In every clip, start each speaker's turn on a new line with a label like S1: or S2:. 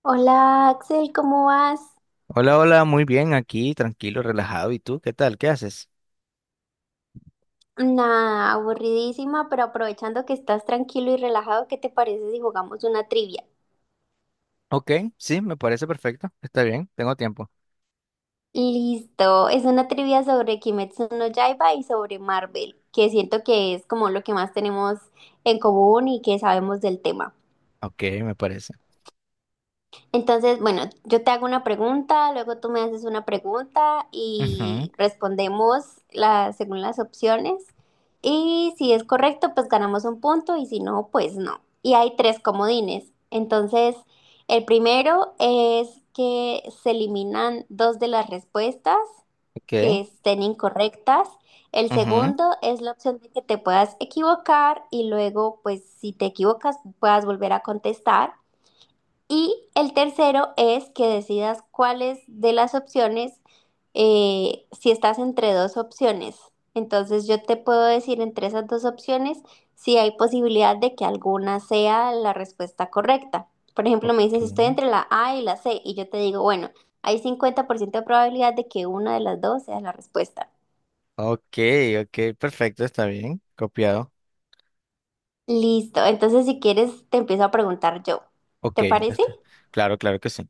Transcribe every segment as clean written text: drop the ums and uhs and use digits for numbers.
S1: Hola Axel, ¿cómo vas?
S2: Hola, hola, muy bien, aquí, tranquilo, relajado. ¿Y tú qué tal? ¿Qué haces?
S1: Nada, aburridísima, pero aprovechando que estás tranquilo y relajado, ¿qué te parece si jugamos una trivia?
S2: Ok, sí, me parece perfecto. Está bien, tengo tiempo.
S1: Listo, es una trivia sobre Kimetsu no Yaiba y sobre Marvel, que siento que es como lo que más tenemos en común y que sabemos del tema.
S2: Ok, me parece.
S1: Entonces, bueno, yo te hago una pregunta, luego tú me haces una pregunta
S2: Ujú,
S1: y respondemos según las opciones. Y si es correcto, pues ganamos un punto y si no, pues no. Y hay tres comodines. Entonces, el primero es que se eliminan dos de las respuestas
S2: ok,
S1: que estén incorrectas. El
S2: ujú,
S1: segundo es la opción de que te puedas equivocar y luego, pues si te equivocas, puedas volver a contestar. Y el tercero es que decidas cuáles de las opciones, si estás entre dos opciones. Entonces yo te puedo decir entre esas dos opciones si hay posibilidad de que alguna sea la respuesta correcta. Por ejemplo, me dices, estoy entre la A y la C y yo te digo, bueno, hay 50% de probabilidad de que una de las dos sea la respuesta.
S2: ok, ok, perfecto, está bien. Copiado.
S1: Listo, entonces si quieres te empiezo a preguntar yo.
S2: Ok,
S1: ¿Te parece?
S2: está. Claro, claro que sí.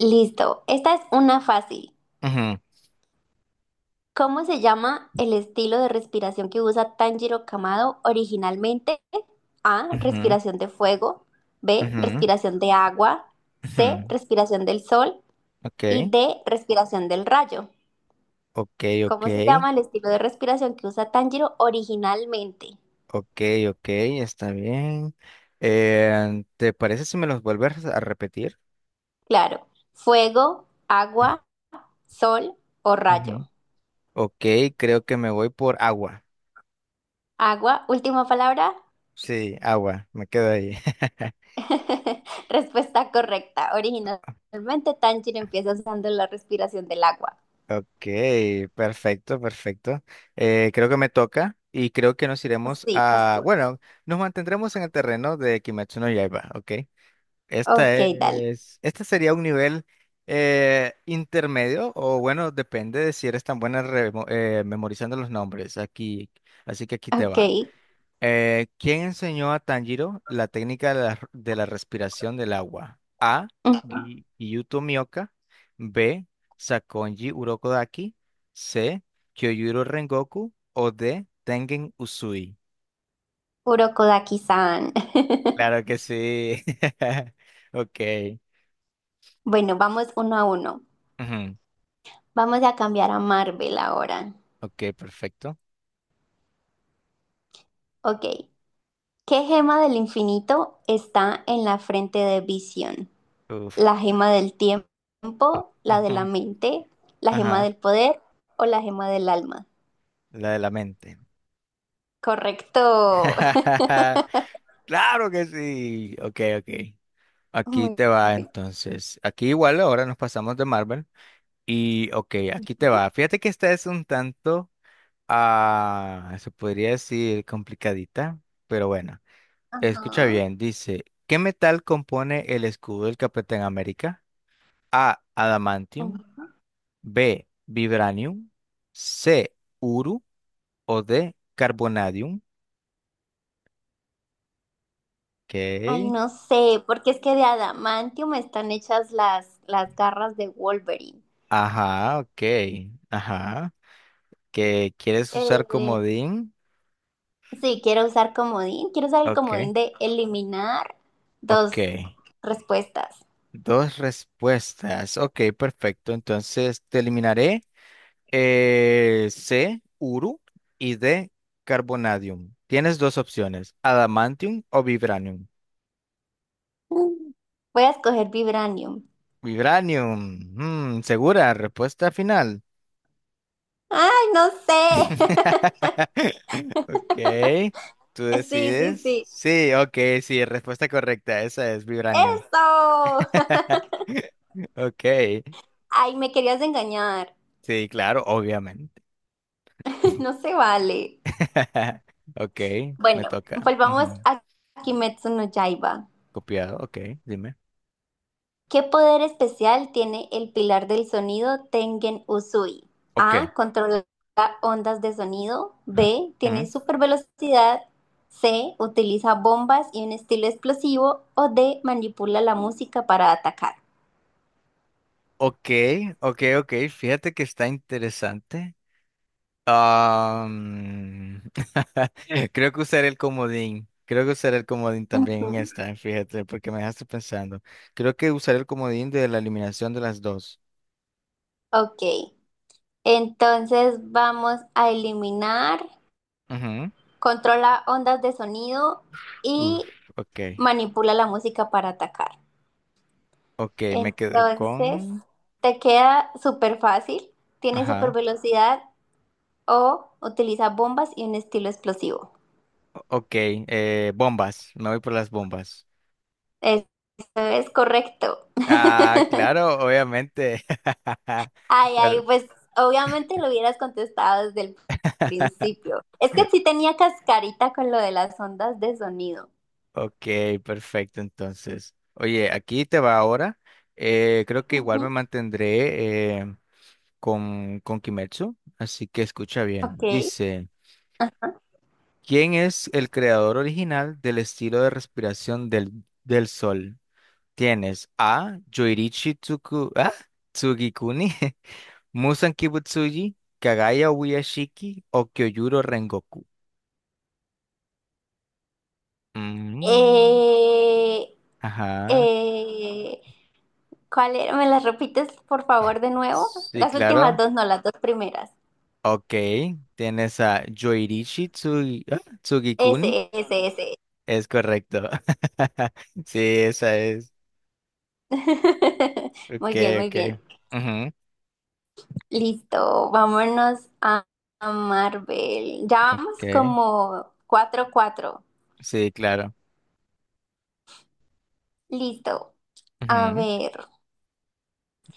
S1: Listo, esta es una fácil.
S2: Ujú,
S1: ¿Cómo se llama el estilo de respiración que usa Tanjiro Kamado originalmente? A.
S2: ujú,
S1: Respiración de fuego. B.
S2: ujú,
S1: Respiración de agua. C.
S2: ujú,
S1: Respiración del sol. Y
S2: ok,
S1: D. Respiración del rayo.
S2: ok, ok,
S1: ¿Cómo se llama el estilo de respiración que usa Tanjiro originalmente?
S2: ok, ok, está bien. ¿Te parece si me los vuelves a repetir?
S1: Claro, fuego, agua, sol o rayo.
S2: Ujú, ok, creo que me voy por agua.
S1: Agua, última palabra.
S2: Sí, agua, me quedo ahí.
S1: Respuesta correcta. Originalmente Tanjiro empieza usando la respiración del agua.
S2: Ok, perfecto, perfecto. Creo que me toca y creo que nos iremos
S1: Sí, vas
S2: a...
S1: tú.
S2: Bueno, nos mantendremos en el terreno de Kimetsu no Yaiba, ok. Esta
S1: Ok, dale.
S2: es... Este sería un nivel intermedio o bueno, depende de si eres tan buena memorizando los nombres. Aquí, así que aquí te
S1: Ok.
S2: va. ¿Quién enseñó a Tanjiro la técnica de la respiración del agua? Gyuto Mioka. B. Sakonji Urokodaki. C. Kyojuro Rengoku. O D. Tengen Uzui.
S1: Kurokodaki-san.
S2: Claro que sí. Ok.
S1: Bueno, vamos 1-1.
S2: Ujú.
S1: Vamos a cambiar a Marvel ahora.
S2: Ok, perfecto.
S1: Ok. ¿Qué gema del infinito está en la frente de Vision?
S2: Uf.
S1: ¿La gema del tiempo, la de la
S2: Ujú.
S1: mente, la gema
S2: Ajá.
S1: del poder o la gema del alma?
S2: La de la mente.
S1: Correcto.
S2: Claro que sí. Ok, ok. Aquí
S1: Muy
S2: te va
S1: bien.
S2: entonces. Aquí igual ahora nos pasamos de Marvel. Y ok, aquí te va. Fíjate que esta es un tanto, ah, se podría decir, complicadita, pero bueno. Escucha
S1: Ajá.
S2: bien, dice, ¿qué metal compone el escudo del Capitán América? A, adamantium, B, vibranium, C, uru o D, carbonadium. Ok,
S1: Ay, no sé, porque es que de adamantium están hechas las garras de Wolverine.
S2: ajá, ok, ajá. ¿Que quieres usar
S1: Eh,
S2: comodín?
S1: sí, quiero usar comodín, quiero usar el
S2: Ok,
S1: comodín de eliminar
S2: ok.
S1: dos respuestas.
S2: Dos respuestas. Ok, perfecto. Entonces te eliminaré. C, Uru y D, Carbonadium. Tienes dos opciones, Adamantium o Vibranium.
S1: Mm. Voy a escoger vibranium.
S2: Vibranium. Mm, segura, respuesta final.
S1: Ay, no sé.
S2: Ok, tú
S1: Sí, sí,
S2: decides.
S1: sí.
S2: Sí, ok, sí, respuesta correcta, esa es Vibranium.
S1: Eso.
S2: Ok,
S1: Ay, me querías engañar.
S2: sí, claro, obviamente.
S1: No se vale.
S2: Ok, me
S1: Bueno,
S2: toca.
S1: volvamos
S2: Ujú.
S1: a Kimetsu no Yaiba.
S2: Copiado, ok, dime.
S1: ¿Qué poder especial tiene el pilar del sonido Tengen Uzui?
S2: Ok.
S1: A. Controla ondas de sonido. B. Tiene
S2: Mm,
S1: super velocidad. C. Utiliza bombas y un estilo explosivo. O D. Manipula la música para atacar.
S2: ok, ok, ok. Fíjate que está interesante. Am, Creo que usaré el comodín. Creo que usaré el comodín también
S1: Ujú.
S2: en esta, fíjate, porque me dejaste pensando. Creo que usaré el comodín de la eliminación de las dos.
S1: Ok. Entonces vamos a eliminar.
S2: Ujú.
S1: Controla ondas de sonido
S2: Uf,
S1: y
S2: ok.
S1: manipula la música para atacar.
S2: Ok, me quedo
S1: Entonces,
S2: con...
S1: te queda súper fácil, tiene súper
S2: Ajá.
S1: velocidad o utiliza bombas y un estilo explosivo.
S2: Ok, bombas. Me voy por las bombas.
S1: Eso es correcto.
S2: Ah, claro, obviamente.
S1: Ay, ay,
S2: Pero...
S1: pues obviamente lo hubieras contestado desde el principio. Es que sí tenía cascarita con lo de las ondas de sonido.
S2: Ok, perfecto. Entonces, oye, aquí te va ahora. Creo que igual me
S1: Ujú.
S2: mantendré con Kimetsu, así que escucha
S1: Ok.
S2: bien. Dice, ¿quién es el creador original del estilo de respiración del sol? Tienes A. Yoirichi Tsuku, ¿ah? Tsugikuni, Musan Kibutsuji, Kagaya Ubuyashiki o Kyojuro Rengoku. Mm,
S1: Eh,
S2: ajá.
S1: eh, ¿Cuál era? ¿Me las repites, por favor, de nuevo?
S2: Sí,
S1: Las últimas
S2: claro.
S1: dos, no, las dos primeras.
S2: Ok, tienes a Yoirishi Tsugikuni.
S1: Ese, ese, ese.
S2: Es correcto. Sí, esa es. Ok,
S1: Muy bien, muy
S2: ok.
S1: bien.
S2: Ujú,
S1: Listo, vámonos a Marvel. Ya vamos
S2: ok.
S1: como 4-4.
S2: Sí, claro.
S1: Listo. A
S2: Ujú,
S1: ver,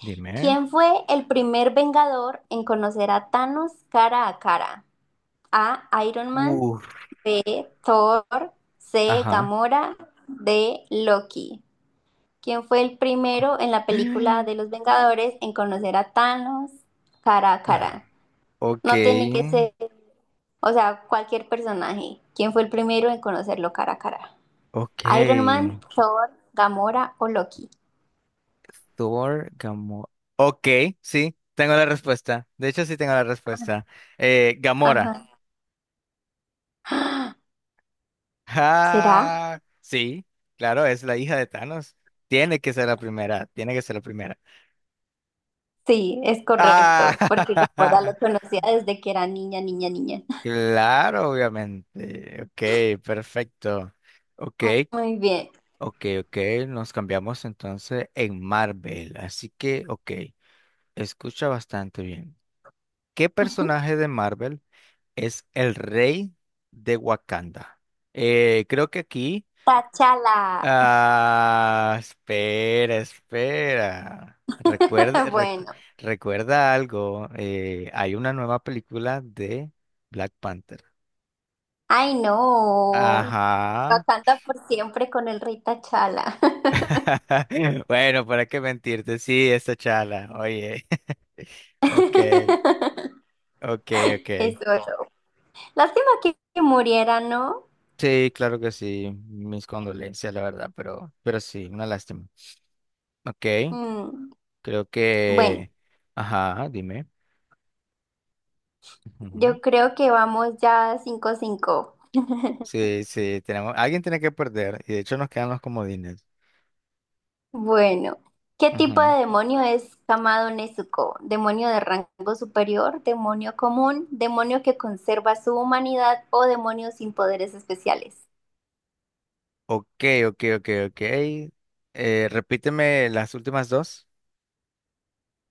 S2: dime.
S1: ¿quién fue el primer Vengador en conocer a Thanos cara a cara? A, Iron Man,
S2: Uf.
S1: Thor, C,
S2: Ajá.
S1: Gamora, D, Loki. ¿Quién fue el primero en la película de los Vengadores en conocer a Thanos cara a cara?
S2: Ok,
S1: No tiene que ser. O sea, cualquier personaje. ¿Quién fue el primero en conocerlo cara a cara? ¿Iron
S2: ok.
S1: Man, Thor, Gamora o Loki?
S2: Thor, Gamora. Ok, sí, tengo la respuesta. De hecho, sí tengo la respuesta. Gamora.
S1: Ajá. ¿Será?
S2: Ah, sí, claro, es la hija de Thanos. Tiene que ser la primera, tiene que ser la primera.
S1: Sí, es
S2: Ah,
S1: correcto, porque Gamora lo conocía desde que era niña, niña, niña.
S2: claro, obviamente. Ok, perfecto. Ok,
S1: Muy bien.
S2: ok, ok, nos cambiamos entonces en Marvel. Así que, ok, escucha bastante bien. ¿Qué
S1: Ujú.
S2: personaje de Marvel es el rey de Wakanda? Creo que aquí...
S1: Tachala.
S2: Ah, espera, espera. Recuerda,
S1: Bueno.
S2: recuerda algo. Hay una nueva película de Black Panther.
S1: Ay, no.
S2: Ajá.
S1: Wakanda por siempre con el rey Tachala.
S2: Bueno, para qué mentirte. Sí, esta chala. Oye. Ok, ok, ok.
S1: Eso. Lástima que, muriera, ¿no?
S2: Sí, claro que sí. Mis condolencias, la verdad, pero sí, una lástima. Ok,
S1: Mm,
S2: creo
S1: Bueno,
S2: que. Ajá, dime.
S1: yo creo que vamos ya 5-5.
S2: Sí, sí, tenemos, alguien tiene que perder y de hecho nos quedan los comodines.
S1: Bueno, ¿qué tipo
S2: Ujú.
S1: de demonio es Kamado Nezuko? ¿Demonio de rango superior, demonio común, demonio que conserva su humanidad o demonio sin poderes especiales?
S2: Ok, ok, ok, ok. Repíteme las últimas dos.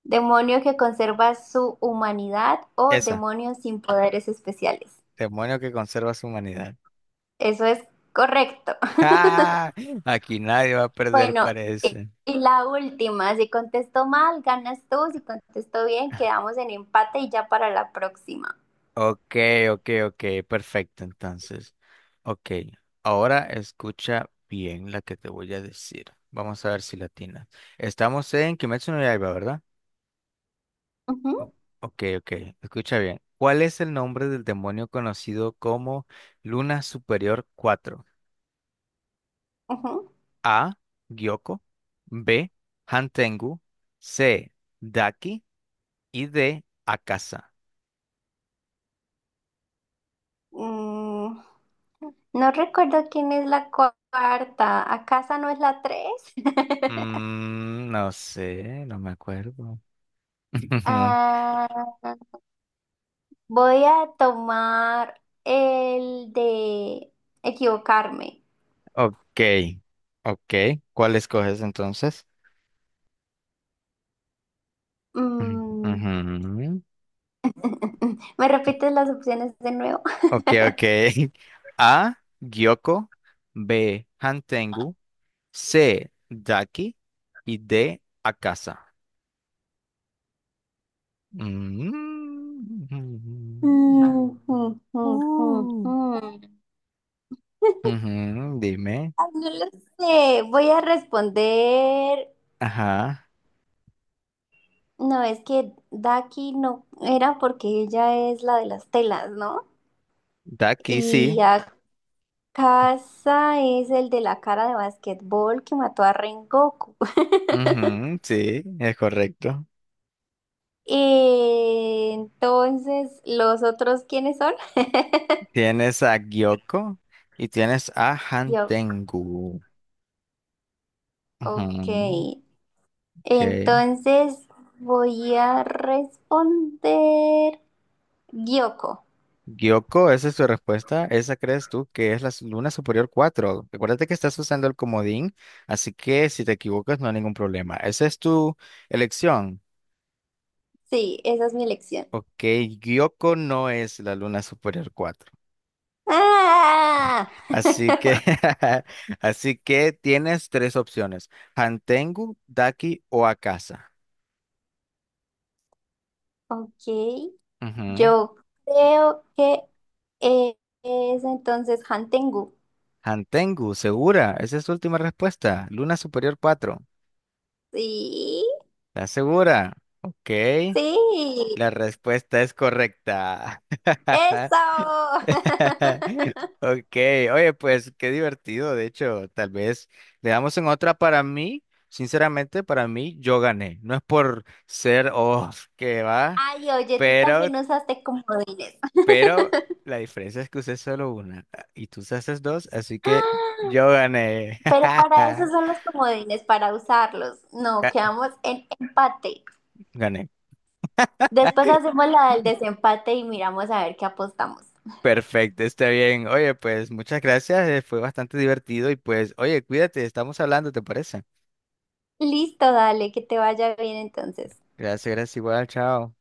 S1: Demonio que conserva su humanidad o
S2: Esa,
S1: demonio sin poderes especiales.
S2: demonio que conserva su humanidad.
S1: Eso es correcto.
S2: ¡Ah! Aquí nadie va a perder,
S1: Bueno, y
S2: parece.
S1: y la última, si contesto mal, ganas tú, si contesto bien, quedamos en empate y ya para la próxima.
S2: Ok, ok, ok, perfecto, entonces. Ok, ahora escucha bien la que te voy a decir. Vamos a ver si latina. Estamos en Kimetsu no Yaiba, ¿verdad?
S1: Ujú.
S2: O- Ok, ok, escucha bien. ¿Cuál es el nombre del demonio conocido como Luna Superior Cuatro?
S1: Ujú.
S2: A. Gyoko. B. Hantengu. C. Daki. Y D. Akasa.
S1: Mm, no recuerdo quién es la cuarta. ¿Acaso no es la tres?
S2: Mm, no sé, no me acuerdo.
S1: Ah, voy a tomar el de equivocarme.
S2: Ok, ok. ¿Cuál escoges entonces? Ujú.
S1: Mm.
S2: Ujú.
S1: ¿Me repites las opciones de nuevo?
S2: Ok, ok. A. Gyoko. B. Hantengu. C, de aquí y D, a casa. Mm.
S1: Mm, mm, mm, mm,
S2: Uh.
S1: mm.
S2: Ujú, dime.
S1: Ay, no lo sé, voy a responder.
S2: Ajá.
S1: No, es que Daki no era porque ella es la de las telas, ¿no?
S2: De aquí
S1: Y
S2: sí.
S1: Akasa es el de la cara de basquetbol que mató a Rengoku.
S2: Ujú, sí, es correcto.
S1: Entonces, ¿los otros quiénes son?
S2: Tienes a Gyoko y tienes a
S1: Yo,
S2: Hantengu. Ujú,
S1: ok.
S2: ok.
S1: Entonces voy a responder Gyoko.
S2: Gyoko, esa es tu respuesta. ¿Esa crees tú que es la luna superior 4? Recuérdate que estás usando el comodín, así que si te equivocas no hay ningún problema. Esa es tu elección.
S1: Sí, esa es mi elección.
S2: Ok, Gyoko no es la Luna Superior 4.
S1: ¡Ah!
S2: Así que, así que tienes tres opciones: Hantengu, Daki o Akasa.
S1: Ok.
S2: Ujú.
S1: Yo creo que eh, es entonces Hantengu.
S2: Hantengu, segura. Esa es tu última respuesta. Luna Superior 4,
S1: Sí,
S2: ¿estás segura? Ok,
S1: sí.
S2: la respuesta es correcta.
S1: ¡Eso!
S2: Ok, oye, pues qué divertido. De hecho, tal vez le damos en otra. Para mí, sinceramente, para mí, yo gané. No es por ser, oh, que va,
S1: Ay, oye, tú
S2: pero,
S1: también usaste comodines.
S2: pero la diferencia es que usé solo una, y tú usaste dos, así que yo gané.
S1: Pero para eso son los comodines, para usarlos. No,
S2: Ga-
S1: quedamos en empate.
S2: Gané.
S1: Después hacemos la del desempate y miramos a ver qué apostamos.
S2: Perfecto, está bien. Oye, pues muchas gracias. Fue bastante divertido y, pues, oye, cuídate, estamos hablando, ¿te parece?
S1: Listo, dale, que te vaya bien entonces.
S2: Gracias, gracias, igual, chao.